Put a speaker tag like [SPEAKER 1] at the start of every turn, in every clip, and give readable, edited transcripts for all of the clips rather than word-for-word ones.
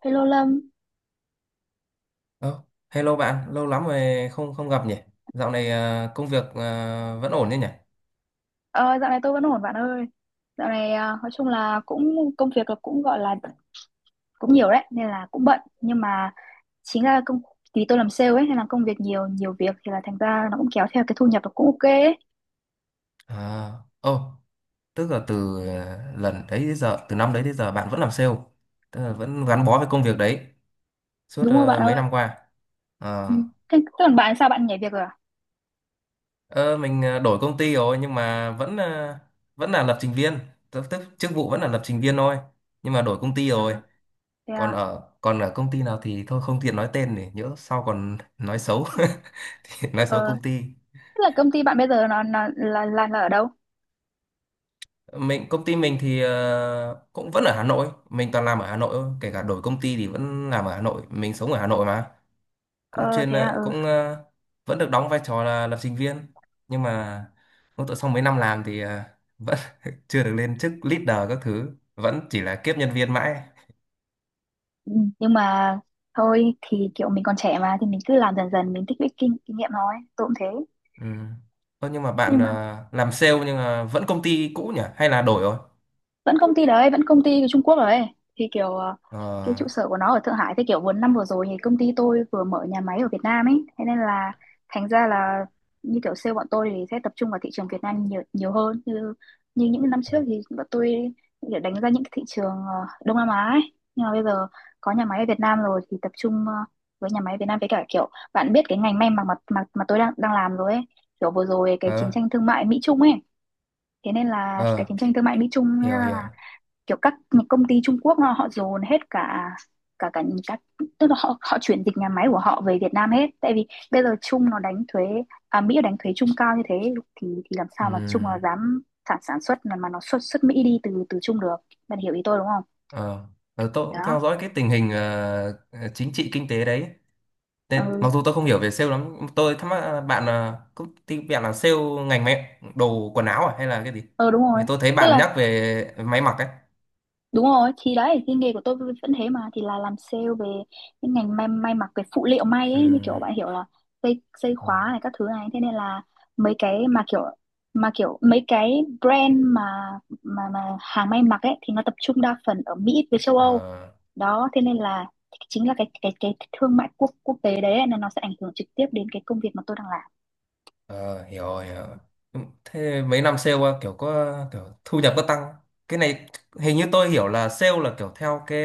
[SPEAKER 1] Hello Lâm.
[SPEAKER 2] Ơ, hello bạn, lâu lắm rồi không không gặp nhỉ? Dạo này à, công việc à, vẫn ổn đấy nhỉ?
[SPEAKER 1] Ờ, Dạo này tôi vẫn ổn bạn ơi. Dạo này à, nói chung là cũng công việc là cũng gọi là cũng nhiều đấy nên là cũng bận, nhưng mà chính là công vì tôi làm sale ấy nên là công việc nhiều nhiều việc thì là thành ra nó cũng kéo theo cái thu nhập nó cũng ok ấy.
[SPEAKER 2] À, ồ, tức là từ lần đấy đến giờ, từ năm đấy đến giờ bạn vẫn làm sale, tức là vẫn gắn bó với công việc đấy suốt
[SPEAKER 1] Đúng rồi bạn
[SPEAKER 2] mấy
[SPEAKER 1] ơi.
[SPEAKER 2] năm qua. À,
[SPEAKER 1] Ừ. Thế thế còn bạn sao bạn nhảy việc rồi à?
[SPEAKER 2] ờ, mình đổi công ty rồi, nhưng mà vẫn vẫn là lập trình viên, tức chức vụ vẫn là lập trình viên thôi, nhưng mà đổi công ty
[SPEAKER 1] Ừ,
[SPEAKER 2] rồi.
[SPEAKER 1] thế
[SPEAKER 2] Còn
[SPEAKER 1] à?
[SPEAKER 2] ở còn ở công ty nào thì thôi không tiện nói tên, để nhỡ sau còn nói xấu, nói xấu
[SPEAKER 1] Ờ,
[SPEAKER 2] công ty.
[SPEAKER 1] tức là công ty bạn bây giờ nó là ở đâu?
[SPEAKER 2] Công ty mình thì cũng vẫn ở Hà Nội, mình toàn làm ở Hà Nội thôi, kể cả đổi công ty thì vẫn làm ở Hà Nội, mình sống ở Hà Nội mà. Cũng
[SPEAKER 1] Ờ,
[SPEAKER 2] chuyên
[SPEAKER 1] thế à.
[SPEAKER 2] ờ,
[SPEAKER 1] Ừ.
[SPEAKER 2] cũng ờ, Vẫn được đóng vai trò là lập trình viên, nhưng mà cũng tự sau mấy năm làm thì vẫn chưa được lên chức leader các thứ, vẫn chỉ là kiếp nhân viên mãi.
[SPEAKER 1] Ừ. Nhưng mà thôi thì kiểu mình còn trẻ mà thì mình cứ làm dần dần, mình tích lũy kinh kinh nghiệm thôi. Tôi cũng thế.
[SPEAKER 2] Ừ. Ơ, nhưng mà bạn
[SPEAKER 1] Nhưng mà
[SPEAKER 2] làm sale nhưng mà vẫn công ty cũ nhỉ, hay là đổi rồi?
[SPEAKER 1] vẫn công ty đấy, vẫn công ty của Trung Quốc đấy, thì cái
[SPEAKER 2] ờ
[SPEAKER 1] trụ sở của nó ở Thượng Hải. Thế kiểu vừa năm vừa rồi thì công ty tôi vừa mở nhà máy ở Việt Nam ấy, thế nên là thành ra là như kiểu sale bọn tôi thì sẽ tập trung vào thị trường Việt Nam nhiều nhiều hơn, như như những năm trước thì bọn tôi để đánh ra những cái thị trường Đông Nam Á ấy, nhưng mà bây giờ có nhà máy ở Việt Nam rồi thì tập trung với nhà máy Việt Nam, với cả kiểu bạn biết cái ngành may mặc mà tôi đang đang làm rồi ấy. Kiểu vừa rồi cái chiến
[SPEAKER 2] ờ
[SPEAKER 1] tranh thương mại Mỹ Trung ấy, thế nên là cái chiến
[SPEAKER 2] ờ
[SPEAKER 1] tranh thương mại Mỹ Trung ấy
[SPEAKER 2] Hiểu hiểu.
[SPEAKER 1] là kiểu các những công ty Trung Quốc họ dồn hết cả cả cả những các tức là họ họ chuyển dịch nhà máy của họ về Việt Nam hết. Tại vì bây giờ Trung nó đánh thuế à, Mỹ đánh thuế Trung cao như thế, thì làm
[SPEAKER 2] Ừ.
[SPEAKER 1] sao mà Trung nó dám sản sản xuất mà nó xuất xuất Mỹ đi từ từ Trung được. Bạn hiểu ý tôi đúng không?
[SPEAKER 2] Ờ, tôi
[SPEAKER 1] Đó.
[SPEAKER 2] cũng theo dõi cái tình hình chính trị kinh tế đấy. Nên,
[SPEAKER 1] Ừ,
[SPEAKER 2] mặc dù tôi không hiểu về sale lắm, tôi thắc mắc là công ty bạn là sale ngành mẹ đồ quần áo à, hay là cái gì?
[SPEAKER 1] ừ đúng
[SPEAKER 2] Vì
[SPEAKER 1] rồi,
[SPEAKER 2] tôi thấy
[SPEAKER 1] tức
[SPEAKER 2] bạn
[SPEAKER 1] là
[SPEAKER 2] nhắc về máy mặc ấy.
[SPEAKER 1] đúng rồi, thì đấy, cái nghề của tôi vẫn thế mà, thì là làm sale về những ngành may mặc, cái phụ liệu may
[SPEAKER 2] Ừ.
[SPEAKER 1] ấy, như kiểu bạn hiểu là dây dây khóa
[SPEAKER 2] Ừ.
[SPEAKER 1] này các thứ này, thế nên là mấy cái mà kiểu mấy cái brand mà hàng may mặc ấy thì nó tập trung đa phần ở Mỹ với châu Âu.
[SPEAKER 2] Ờ,
[SPEAKER 1] Đó, thế nên là chính là cái thương mại quốc quốc tế đấy ấy, nên nó sẽ ảnh hưởng trực tiếp đến cái công việc mà tôi đang làm.
[SPEAKER 2] ờ, hiểu rồi, hiểu rồi. Ừ, thế mấy năm sale qua kiểu có kiểu thu nhập có tăng. Cái này hình như tôi hiểu là sale là kiểu theo cái,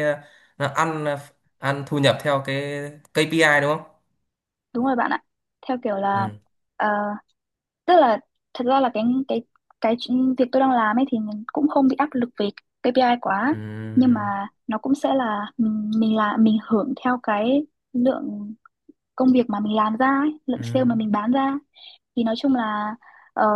[SPEAKER 2] là ăn thu nhập theo cái KPI đúng không?
[SPEAKER 1] Đúng rồi bạn ạ. Theo kiểu là
[SPEAKER 2] Ừ.
[SPEAKER 1] ờ, tức là thật ra là cái việc tôi đang làm ấy thì mình cũng không bị áp lực về KPI quá,
[SPEAKER 2] Ừ.
[SPEAKER 1] nhưng mà nó cũng sẽ là mình hưởng theo cái lượng công việc mà mình làm ra ấy, lượng
[SPEAKER 2] Ừ.
[SPEAKER 1] sale mà mình bán ra. Thì nói chung là ờ,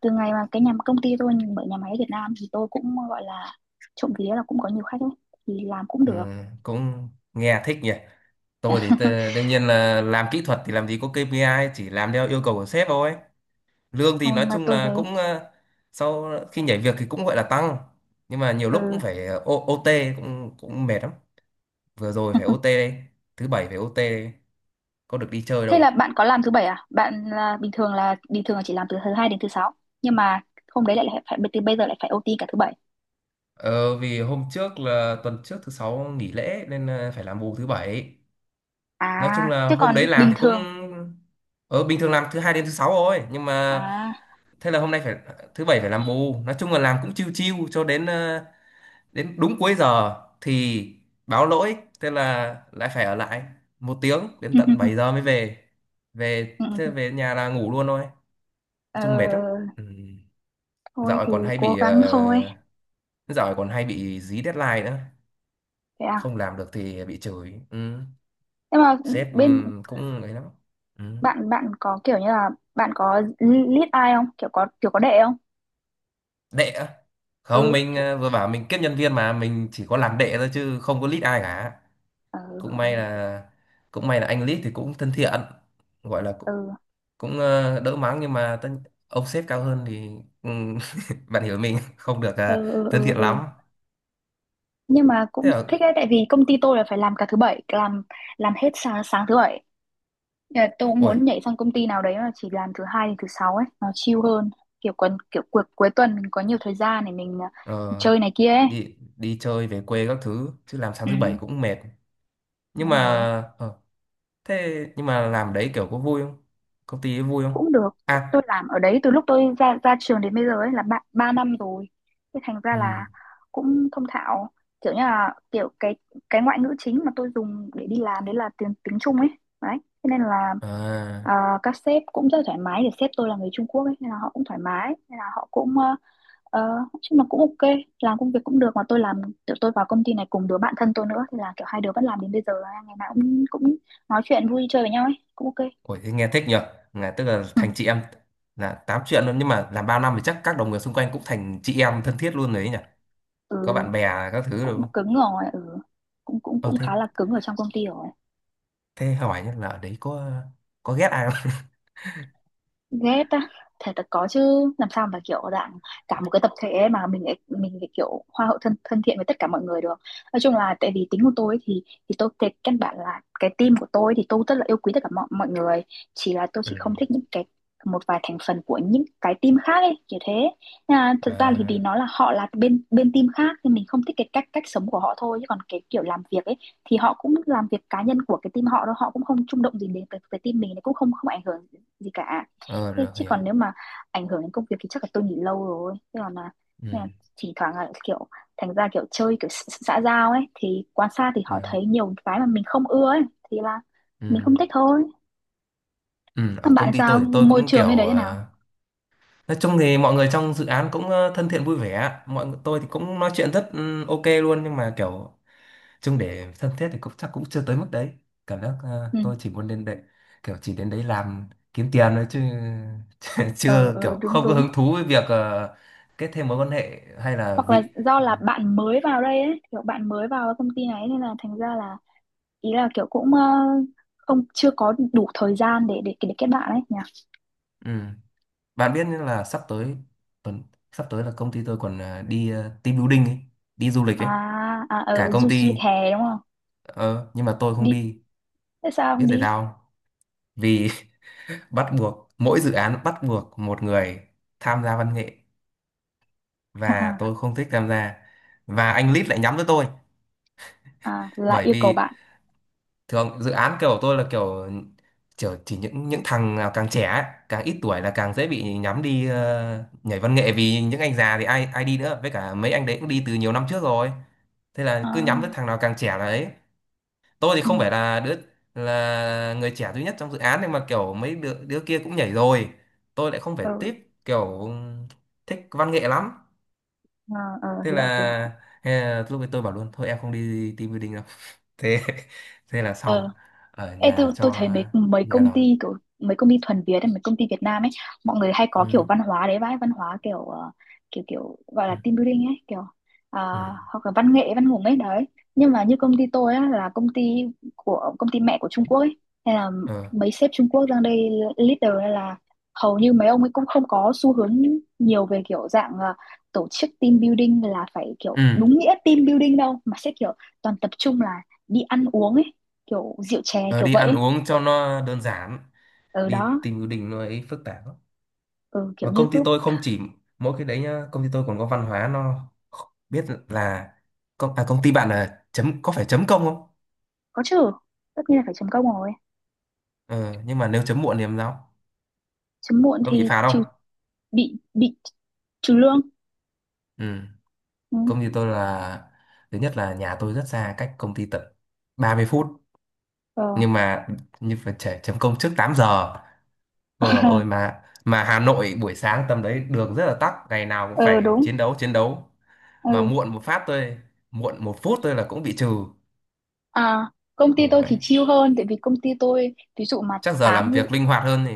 [SPEAKER 1] từ ngày mà cái nhà công ty tôi mở nhà máy ở Việt Nam thì tôi cũng gọi là trộm vía là cũng có nhiều khách ấy, thì làm cũng
[SPEAKER 2] Ừ.
[SPEAKER 1] được.
[SPEAKER 2] Cũng nghe thích nhỉ. Tôi thì đương nhiên là làm kỹ thuật thì làm gì có KPI, chỉ làm theo yêu cầu của sếp thôi. Lương
[SPEAKER 1] Ồ,
[SPEAKER 2] thì nói
[SPEAKER 1] nhưng mà
[SPEAKER 2] chung
[SPEAKER 1] tôi
[SPEAKER 2] là
[SPEAKER 1] thấy.
[SPEAKER 2] sau khi nhảy việc thì cũng gọi là tăng. Nhưng mà nhiều lúc
[SPEAKER 1] Ừ.
[SPEAKER 2] cũng phải OT cũng cũng mệt lắm. Vừa rồi phải OT đây, thứ bảy phải OT đây, có được đi chơi
[SPEAKER 1] Thế là
[SPEAKER 2] đâu.
[SPEAKER 1] bạn có làm thứ bảy à? Bạn là bình thường là chỉ làm từ thứ hai đến thứ sáu, nhưng mà hôm đấy lại lại phải, từ bây giờ lại phải OT cả thứ bảy.
[SPEAKER 2] Ờ, vì hôm trước, là tuần trước thứ sáu nghỉ lễ, nên phải làm bù thứ bảy.
[SPEAKER 1] À,
[SPEAKER 2] Nói chung là
[SPEAKER 1] chứ
[SPEAKER 2] hôm đấy
[SPEAKER 1] còn
[SPEAKER 2] làm
[SPEAKER 1] bình
[SPEAKER 2] thì cũng
[SPEAKER 1] thường
[SPEAKER 2] ờ bình thường làm thứ hai đến thứ sáu thôi, nhưng mà
[SPEAKER 1] à.
[SPEAKER 2] thế là hôm nay phải, thứ bảy phải làm bù. Nói chung là làm cũng chiêu chiêu cho đến đúng cuối giờ thì báo lỗi, thế là lại phải ở lại 1 tiếng đến tận
[SPEAKER 1] Ừ,
[SPEAKER 2] 7 giờ mới về. Về
[SPEAKER 1] ừ.
[SPEAKER 2] thế về nhà là ngủ luôn thôi, nói chung mệt lắm.
[SPEAKER 1] ờ,
[SPEAKER 2] Ừ.
[SPEAKER 1] Thôi
[SPEAKER 2] dạo này
[SPEAKER 1] thì
[SPEAKER 2] còn hay
[SPEAKER 1] cố
[SPEAKER 2] bị ờ,
[SPEAKER 1] gắng thôi.
[SPEAKER 2] Dạo này còn hay bị dí deadline nữa,
[SPEAKER 1] Thế à?
[SPEAKER 2] không làm được thì bị chửi. Ừ.
[SPEAKER 1] Nhưng mà
[SPEAKER 2] Sếp
[SPEAKER 1] bên
[SPEAKER 2] cũng ấy lắm. Ừ.
[SPEAKER 1] bạn bạn có kiểu như là bạn có lead ai không? Kiểu có đệ không?
[SPEAKER 2] Đệ á?
[SPEAKER 1] Ừ,
[SPEAKER 2] Không, mình
[SPEAKER 1] kiểu
[SPEAKER 2] vừa bảo mình kiếp nhân viên mà, mình chỉ có làm đệ thôi chứ không có lead ai cả.
[SPEAKER 1] ừ,
[SPEAKER 2] cũng may
[SPEAKER 1] ừ,
[SPEAKER 2] là cũng may là anh lead thì cũng thân thiện, gọi là cũng,
[SPEAKER 1] ừ,
[SPEAKER 2] cũng ờ, đỡ mắng, nhưng mà ông sếp cao hơn thì ừm, bạn hiểu, mình không được
[SPEAKER 1] ừ, ừ,
[SPEAKER 2] thân
[SPEAKER 1] ừ.
[SPEAKER 2] thiện
[SPEAKER 1] Ừ.
[SPEAKER 2] lắm.
[SPEAKER 1] Nhưng mà cũng
[SPEAKER 2] Thế là
[SPEAKER 1] thích đấy, tại vì công ty tôi là phải làm cả thứ bảy, làm hết sáng sáng thứ bảy. Dạ, tôi cũng
[SPEAKER 2] ôi,
[SPEAKER 1] muốn nhảy sang công ty nào đấy mà chỉ làm thứ hai đến thứ sáu ấy, nó chill hơn. Kiểu kiểu cuối cuối tuần mình có nhiều thời gian để mình
[SPEAKER 2] ờ,
[SPEAKER 1] chơi này kia ấy.
[SPEAKER 2] đi đi chơi về quê các thứ, chứ làm sáng
[SPEAKER 1] Ừ,
[SPEAKER 2] thứ bảy cũng mệt. Nhưng mà
[SPEAKER 1] đúng rồi.
[SPEAKER 2] ờ, thế nhưng mà làm đấy kiểu có vui không, công ty ấy vui không?
[SPEAKER 1] Cũng được. Tôi
[SPEAKER 2] À.
[SPEAKER 1] làm ở đấy từ lúc tôi ra ra trường đến bây giờ ấy là 3 năm rồi, thế thành ra
[SPEAKER 2] Ừ.
[SPEAKER 1] là cũng thông thạo, kiểu như là kiểu cái ngoại ngữ chính mà tôi dùng để đi làm đấy là tiếng tiếng Trung ấy. Đấy, thế nên là à,
[SPEAKER 2] À.
[SPEAKER 1] các sếp cũng rất thoải mái, để sếp tôi là người Trung Quốc ấy nên là họ cũng thoải mái, nên là họ cũng ờ, nói chung là cũng ok, làm công việc cũng được mà tôi làm, tụi tôi vào công ty này cùng đứa bạn thân tôi nữa, thì là kiểu hai đứa vẫn làm đến bây giờ, ngày nào cũng cũng nói chuyện vui chơi với nhau ấy, cũng ok.
[SPEAKER 2] Ôi, thế nghe thích nhở, là tức là
[SPEAKER 1] Ừ,
[SPEAKER 2] thành chị em, là tám chuyện luôn, nhưng mà làm bao năm thì chắc các đồng nghiệp xung quanh cũng thành chị em thân thiết luôn đấy nhỉ,
[SPEAKER 1] ừ
[SPEAKER 2] có bạn bè các thứ rồi
[SPEAKER 1] cũng
[SPEAKER 2] không?
[SPEAKER 1] cứng rồi. Ừ. Cũng cũng
[SPEAKER 2] Ờ
[SPEAKER 1] Cũng
[SPEAKER 2] thế
[SPEAKER 1] khá là cứng ở trong công ty rồi.
[SPEAKER 2] thế hỏi nhá, là ở đấy có ghét ai không?
[SPEAKER 1] Ghét á, thể thật là có chứ, làm sao mà kiểu dạng cả một cái tập thể ấy mà mình lại kiểu hoa hậu, thân thân thiện với tất cả mọi người được. Nói chung là tại vì tính của tôi ấy thì tôi, cái căn bản là cái team của tôi thì tôi rất là yêu quý tất cả mọi mọi người, chỉ là tôi chỉ không
[SPEAKER 2] Ừ.
[SPEAKER 1] thích những cái một vài thành phần của những cái team khác ấy kiểu thế. Nên là thật ra thì vì
[SPEAKER 2] À.
[SPEAKER 1] nó là họ là bên bên team khác nên mình không thích cái cách cách sống của họ thôi, chứ còn cái kiểu làm việc ấy thì họ cũng làm việc cá nhân của cái team họ, đâu họ cũng không chung động gì đến cái team mình, cũng không không ảnh hưởng gì cả.
[SPEAKER 2] ờ
[SPEAKER 1] Thế
[SPEAKER 2] Được,
[SPEAKER 1] chứ
[SPEAKER 2] hiểu.
[SPEAKER 1] còn nếu mà ảnh hưởng đến công việc thì chắc là tôi nghỉ lâu rồi. Thế còn là,
[SPEAKER 2] Ừ.
[SPEAKER 1] thế là thỉnh thoảng là kiểu thành ra kiểu chơi kiểu xã xã giao ấy, thì quan sát thì họ
[SPEAKER 2] À,
[SPEAKER 1] thấy nhiều cái mà mình không ưa ấy, thì là
[SPEAKER 2] ừ.
[SPEAKER 1] mình không thích thôi.
[SPEAKER 2] Ừ,
[SPEAKER 1] Còn
[SPEAKER 2] ở công
[SPEAKER 1] bạn
[SPEAKER 2] ty
[SPEAKER 1] sao?
[SPEAKER 2] tôi thì tôi
[SPEAKER 1] Môi
[SPEAKER 2] cũng
[SPEAKER 1] trường bên đấy thế nào?
[SPEAKER 2] nói chung thì mọi người trong dự án cũng thân thiện vui vẻ, mọi người tôi thì cũng nói chuyện rất ok luôn, nhưng mà kiểu chung để thân thiết thì cũng chắc cũng chưa tới mức đấy. Cảm giác
[SPEAKER 1] Ừ.
[SPEAKER 2] tôi chỉ muốn đến đấy, kiểu chỉ đến đấy làm kiếm tiền thôi chứ
[SPEAKER 1] Ờ,
[SPEAKER 2] chưa, kiểu
[SPEAKER 1] ờ đúng
[SPEAKER 2] không có
[SPEAKER 1] đúng.
[SPEAKER 2] hứng thú với việc kết thêm mối quan hệ, hay là
[SPEAKER 1] Hoặc là
[SPEAKER 2] vị.
[SPEAKER 1] do là bạn mới vào đây ấy, kiểu bạn mới vào công ty này nên là thành ra là ý là kiểu cũng không chưa có đủ thời gian để để kết bạn ấy nhỉ.
[SPEAKER 2] Ừ. Bạn biết là sắp tới tuần sắp tới là công ty tôi còn team building ấy, đi du lịch ấy,
[SPEAKER 1] À à,
[SPEAKER 2] cả công
[SPEAKER 1] du lịch
[SPEAKER 2] ty.
[SPEAKER 1] hè đúng không?
[SPEAKER 2] Nhưng mà tôi không
[SPEAKER 1] Đi
[SPEAKER 2] đi.
[SPEAKER 1] Thế sao
[SPEAKER 2] Biết
[SPEAKER 1] không
[SPEAKER 2] tại
[SPEAKER 1] đi?
[SPEAKER 2] sao không? Vì bắt buộc mỗi dự án bắt buộc một người tham gia văn nghệ, và tôi không thích tham gia, và anh lead lại nhắm tới tôi.
[SPEAKER 1] À là
[SPEAKER 2] Bởi
[SPEAKER 1] yêu cầu
[SPEAKER 2] vì
[SPEAKER 1] bạn.
[SPEAKER 2] thường dự án kiểu tôi là kiểu kiểu chỉ những thằng nào càng trẻ ấy, càng ít tuổi là càng dễ bị nhắm đi nhảy văn nghệ, vì những anh già thì ai ai đi nữa, với cả mấy anh đấy cũng đi từ nhiều năm trước rồi, thế là cứ nhắm tới
[SPEAKER 1] À.
[SPEAKER 2] thằng nào càng trẻ là ấy. Tôi thì
[SPEAKER 1] Ừ.
[SPEAKER 2] không phải là đứa, là người trẻ duy nhất trong dự án, nhưng mà kiểu mấy đứa, đứa kia cũng nhảy rồi, tôi lại không phải,
[SPEAKER 1] Ừ.
[SPEAKER 2] tiếp kiểu thích văn nghệ lắm.
[SPEAKER 1] À, ờ,
[SPEAKER 2] thế
[SPEAKER 1] hiểu
[SPEAKER 2] là
[SPEAKER 1] hiểu hiểu.
[SPEAKER 2] thế là lúc ấy tôi bảo luôn, thôi em không đi team building đâu. thế thế là xong,
[SPEAKER 1] Ờ.
[SPEAKER 2] ở
[SPEAKER 1] Ê,
[SPEAKER 2] nhà
[SPEAKER 1] tôi
[SPEAKER 2] cho
[SPEAKER 1] thấy mấy mấy
[SPEAKER 2] nhà
[SPEAKER 1] công
[SPEAKER 2] lòng.
[SPEAKER 1] ty kiểu, mấy công ty thuần Việt ấy, mấy công ty Việt Nam ấy, mọi người hay
[SPEAKER 2] Ừ,
[SPEAKER 1] có kiểu văn hóa đấy vãi, văn hóa kiểu kiểu kiểu gọi là
[SPEAKER 2] ừ,
[SPEAKER 1] team building ấy kiểu à,
[SPEAKER 2] ừ.
[SPEAKER 1] hoặc là văn nghệ văn hùng ấy đấy. Nhưng mà như công ty tôi á, là công ty của công ty mẹ của Trung Quốc ấy, hay là
[SPEAKER 2] Ờ,
[SPEAKER 1] mấy sếp Trung Quốc sang đây leader, hay là hầu như mấy ông ấy cũng không có xu hướng nhiều về kiểu dạng tổ chức team building là phải kiểu
[SPEAKER 2] ừ.
[SPEAKER 1] đúng nghĩa team building đâu, mà sẽ kiểu toàn tập trung là đi ăn uống ấy, kiểu rượu chè
[SPEAKER 2] Ờ,
[SPEAKER 1] kiểu
[SPEAKER 2] đi
[SPEAKER 1] vậy
[SPEAKER 2] ăn
[SPEAKER 1] ấy.
[SPEAKER 2] uống cho nó đơn giản,
[SPEAKER 1] Ừ,
[SPEAKER 2] đi
[SPEAKER 1] đó.
[SPEAKER 2] team building nó ấy phức tạp lắm.
[SPEAKER 1] Ừ,
[SPEAKER 2] Và
[SPEAKER 1] kiểu như
[SPEAKER 2] công ty
[SPEAKER 1] cứ
[SPEAKER 2] tôi không chỉ mỗi cái đấy nhá, công ty tôi còn có văn hóa nó, biết là công ty bạn là chấm, có phải chấm công không?
[SPEAKER 1] có trừ, tất nhiên là phải chấm công rồi,
[SPEAKER 2] Ừ, nhưng mà nếu chấm muộn thì làm sao,
[SPEAKER 1] chấm muộn
[SPEAKER 2] có
[SPEAKER 1] thì
[SPEAKER 2] bị phạt không?
[SPEAKER 1] trừ, bị trừ lương.
[SPEAKER 2] Ừ.
[SPEAKER 1] Ừ,
[SPEAKER 2] Công ty tôi là, thứ nhất là nhà tôi rất xa cách công ty, tận 30 phút,
[SPEAKER 1] ờ.
[SPEAKER 2] nhưng mà như phải trẻ chấm công trước 8 giờ. Ôi dồi ôi, mà Hà Nội buổi sáng tầm đấy đường rất là tắc, ngày nào cũng
[SPEAKER 1] Ờ
[SPEAKER 2] phải
[SPEAKER 1] đúng.
[SPEAKER 2] chiến đấu chiến đấu, mà
[SPEAKER 1] Ừ,
[SPEAKER 2] muộn 1 phút tôi là cũng bị trừ.
[SPEAKER 1] à, công ty tôi
[SPEAKER 2] Ôi,
[SPEAKER 1] thì chill hơn, tại vì công ty tôi ví dụ mà
[SPEAKER 2] chắc giờ
[SPEAKER 1] tám.
[SPEAKER 2] làm việc linh hoạt hơn thì.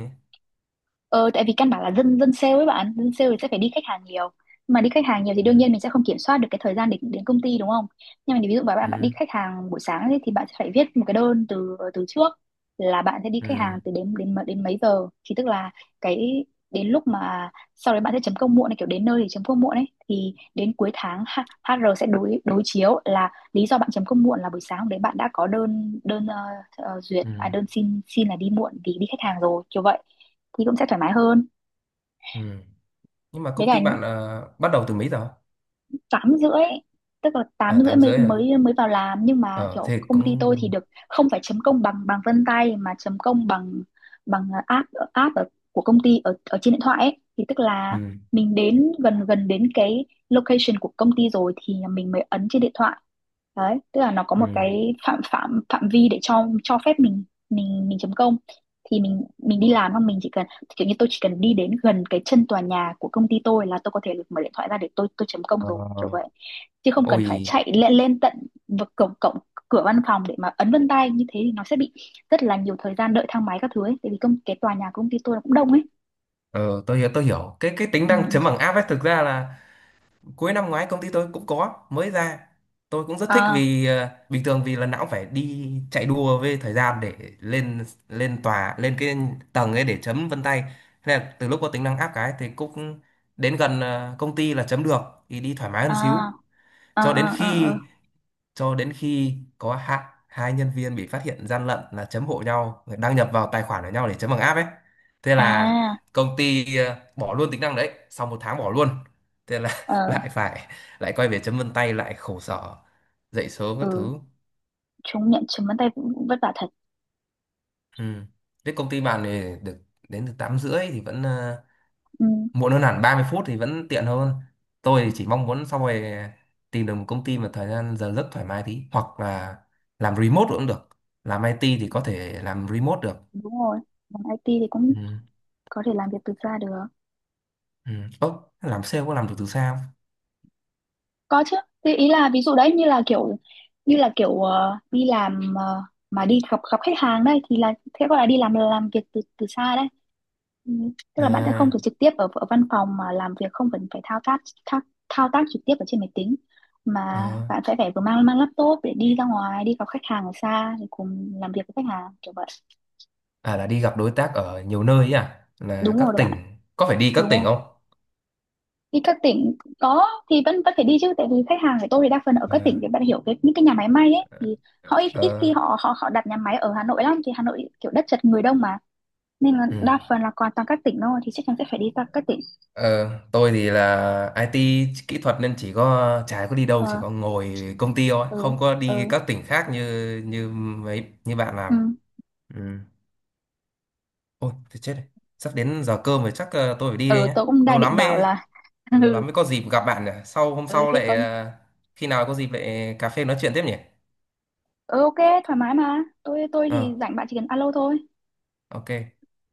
[SPEAKER 1] Ờ, tại vì căn bản là dân dân sale ấy bạn, dân sale thì sẽ phải đi khách hàng nhiều. Mà đi khách hàng nhiều thì
[SPEAKER 2] Ừ,
[SPEAKER 1] đương nhiên mình sẽ không kiểm soát được cái thời gian đến đến công ty đúng không? Nhưng mà ví dụ mà bạn bạn đi
[SPEAKER 2] ừ,
[SPEAKER 1] khách hàng buổi sáng ấy, thì bạn sẽ phải viết một cái đơn từ từ trước, là bạn sẽ đi khách hàng
[SPEAKER 2] ừ,
[SPEAKER 1] từ đến, đến mấy giờ, thì tức là cái đến lúc mà sau đấy bạn sẽ chấm công muộn này, kiểu đến nơi thì chấm công muộn ấy, thì đến cuối tháng HR sẽ đối đối chiếu là lý do bạn chấm công muộn là buổi sáng hôm đấy bạn đã có đơn đơn, duyệt
[SPEAKER 2] ừ,
[SPEAKER 1] à, đơn xin xin là đi muộn vì đi khách hàng rồi, kiểu vậy, thì cũng sẽ thoải mái hơn.
[SPEAKER 2] ừ. Nhưng mà
[SPEAKER 1] Với
[SPEAKER 2] công
[SPEAKER 1] cả
[SPEAKER 2] ty bạn bắt đầu từ mấy giờ?
[SPEAKER 1] 8:30, tức là tám
[SPEAKER 2] À,
[SPEAKER 1] rưỡi
[SPEAKER 2] tám
[SPEAKER 1] mới
[SPEAKER 2] rưỡi rồi.
[SPEAKER 1] mới mới vào làm, nhưng mà
[SPEAKER 2] Ờ
[SPEAKER 1] kiểu
[SPEAKER 2] Thế
[SPEAKER 1] công ty
[SPEAKER 2] cũng,
[SPEAKER 1] tôi thì được không phải chấm công bằng bằng vân tay, mà chấm công bằng bằng app app của công ty ở ở trên điện thoại ấy. Thì tức là
[SPEAKER 2] ừ,
[SPEAKER 1] mình đến gần gần đến cái location của công ty rồi thì mình mới ấn trên điện thoại. Đấy, tức là nó có
[SPEAKER 2] ừ.
[SPEAKER 1] một cái phạm phạm phạm vi để cho phép mình chấm công, thì mình đi
[SPEAKER 2] Ờ,
[SPEAKER 1] làm không, mình chỉ cần kiểu như tôi chỉ cần đi đến gần cái chân tòa nhà của công ty tôi là tôi có thể mở điện thoại ra để tôi chấm công
[SPEAKER 2] ờ.
[SPEAKER 1] rồi, kiểu vậy. Chứ không cần phải
[SPEAKER 2] Ôi,
[SPEAKER 1] chạy lên lên tận vực cổng cổng cửa văn phòng để mà ấn vân tay, như thế thì nó sẽ bị rất là nhiều thời gian đợi thang máy các thứ ấy, tại vì cái tòa nhà của công ty tôi nó cũng đông ấy.
[SPEAKER 2] ờ, tôi hiểu, tôi hiểu. Cái tính
[SPEAKER 1] Ừ,
[SPEAKER 2] năng chấm bằng app ấy thực ra là cuối năm ngoái công ty tôi cũng có mới ra. Tôi cũng rất thích,
[SPEAKER 1] à
[SPEAKER 2] vì bình thường vì lần nào cũng phải đi chạy đua với thời gian để lên lên tòa, lên cái tầng ấy để chấm vân tay. Thế là từ lúc có tính năng app cái thì cũng đến gần công ty là chấm được, thì đi thoải mái hơn xíu.
[SPEAKER 1] à à
[SPEAKER 2] Cho
[SPEAKER 1] à
[SPEAKER 2] đến
[SPEAKER 1] à
[SPEAKER 2] khi,
[SPEAKER 1] à
[SPEAKER 2] có hạ hai nhân viên bị phát hiện gian lận là chấm hộ nhau, đăng nhập vào tài khoản của nhau để chấm bằng app ấy, thế là
[SPEAKER 1] à,
[SPEAKER 2] công ty bỏ luôn tính năng đấy sau 1 tháng, bỏ luôn, thế là
[SPEAKER 1] ờ,
[SPEAKER 2] lại phải, lại quay về chấm vân tay, lại khổ sở dậy sớm các
[SPEAKER 1] ừ.
[SPEAKER 2] thứ.
[SPEAKER 1] Chúng nhận chấm vân tay cũng vất vả thật.
[SPEAKER 2] Ừ. Thế công ty bạn thì được đến từ 8 rưỡi thì vẫn
[SPEAKER 1] Ừ.
[SPEAKER 2] muộn hơn hẳn 30 phút, thì vẫn tiện hơn. Tôi thì chỉ mong muốn sau này tìm được một công ty mà thời gian giờ giấc thoải mái tí, hoặc là làm remote cũng được, làm IT thì có thể làm remote được.
[SPEAKER 1] Đúng rồi, làm IT thì cũng
[SPEAKER 2] Ừ.
[SPEAKER 1] có thể làm việc từ xa được.
[SPEAKER 2] Ừ. Ơ, làm sale có làm được từ xa không?
[SPEAKER 1] Có chứ. Thế ý là ví dụ đấy như là kiểu đi làm, mà đi gặp gặp khách hàng đây thì là thế gọi là đi làm việc từ từ xa đấy. Ừ, tức là bạn sẽ không
[SPEAKER 2] À,
[SPEAKER 1] phải trực tiếp ở văn phòng mà làm việc, không cần phải thao tác trực tiếp ở trên máy tính, mà
[SPEAKER 2] à,
[SPEAKER 1] bạn sẽ phải vừa mang mang laptop để đi ra ngoài đi gặp khách hàng ở xa, thì cùng làm việc với khách hàng kiểu vậy.
[SPEAKER 2] à, là đi gặp đối tác ở nhiều nơi ấy à, là
[SPEAKER 1] Đúng rồi
[SPEAKER 2] các
[SPEAKER 1] đó bạn ạ,
[SPEAKER 2] tỉnh, có phải đi các
[SPEAKER 1] đúng
[SPEAKER 2] tỉnh
[SPEAKER 1] rồi,
[SPEAKER 2] không?
[SPEAKER 1] đi các tỉnh có thì vẫn vẫn phải đi chứ, tại vì khách hàng của tôi thì đa phần ở các tỉnh,
[SPEAKER 2] À,
[SPEAKER 1] thì bạn hiểu cái những cái nhà máy may ấy thì họ ít ít
[SPEAKER 2] ờ,
[SPEAKER 1] khi họ họ họ đặt nhà máy ở Hà Nội lắm, thì Hà Nội kiểu đất chật người đông mà, nên là
[SPEAKER 2] ừ.
[SPEAKER 1] đa phần là còn toàn các tỉnh thôi, thì chắc chắn sẽ phải đi các tỉnh.
[SPEAKER 2] Ờ, tôi thì là IT kỹ thuật nên chỉ có, chả có đi đâu, chỉ
[SPEAKER 1] Ờ,
[SPEAKER 2] có ngồi công ty thôi,
[SPEAKER 1] ừ,
[SPEAKER 2] không có đi
[SPEAKER 1] ừ,
[SPEAKER 2] các tỉnh khác như như mấy như bạn
[SPEAKER 1] ừ,
[SPEAKER 2] làm. Ừ. Ôi thì chết rồi, sắp đến giờ cơm rồi, chắc tôi phải đi đây
[SPEAKER 1] ừ,
[SPEAKER 2] nhé,
[SPEAKER 1] tôi cũng đang định bảo là.
[SPEAKER 2] lâu
[SPEAKER 1] Ừ,
[SPEAKER 2] lắm mới có dịp gặp bạn nhỉ, sau hôm
[SPEAKER 1] ừ
[SPEAKER 2] sau
[SPEAKER 1] thế
[SPEAKER 2] lại
[SPEAKER 1] có,
[SPEAKER 2] ờ, khi nào có dịp lại cà phê nói chuyện tiếp nhỉ.
[SPEAKER 1] ừ, ok, thoải mái mà. Thì
[SPEAKER 2] ờ
[SPEAKER 1] rảnh, bạn chỉ cần alo thôi.
[SPEAKER 2] ok,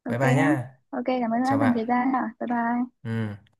[SPEAKER 2] bye
[SPEAKER 1] Ok
[SPEAKER 2] bye
[SPEAKER 1] nhá.
[SPEAKER 2] nhá.
[SPEAKER 1] Ok, cảm ơn đã
[SPEAKER 2] Chào
[SPEAKER 1] dành
[SPEAKER 2] bạn.
[SPEAKER 1] thời gian hả, bye bye.
[SPEAKER 2] Ừ.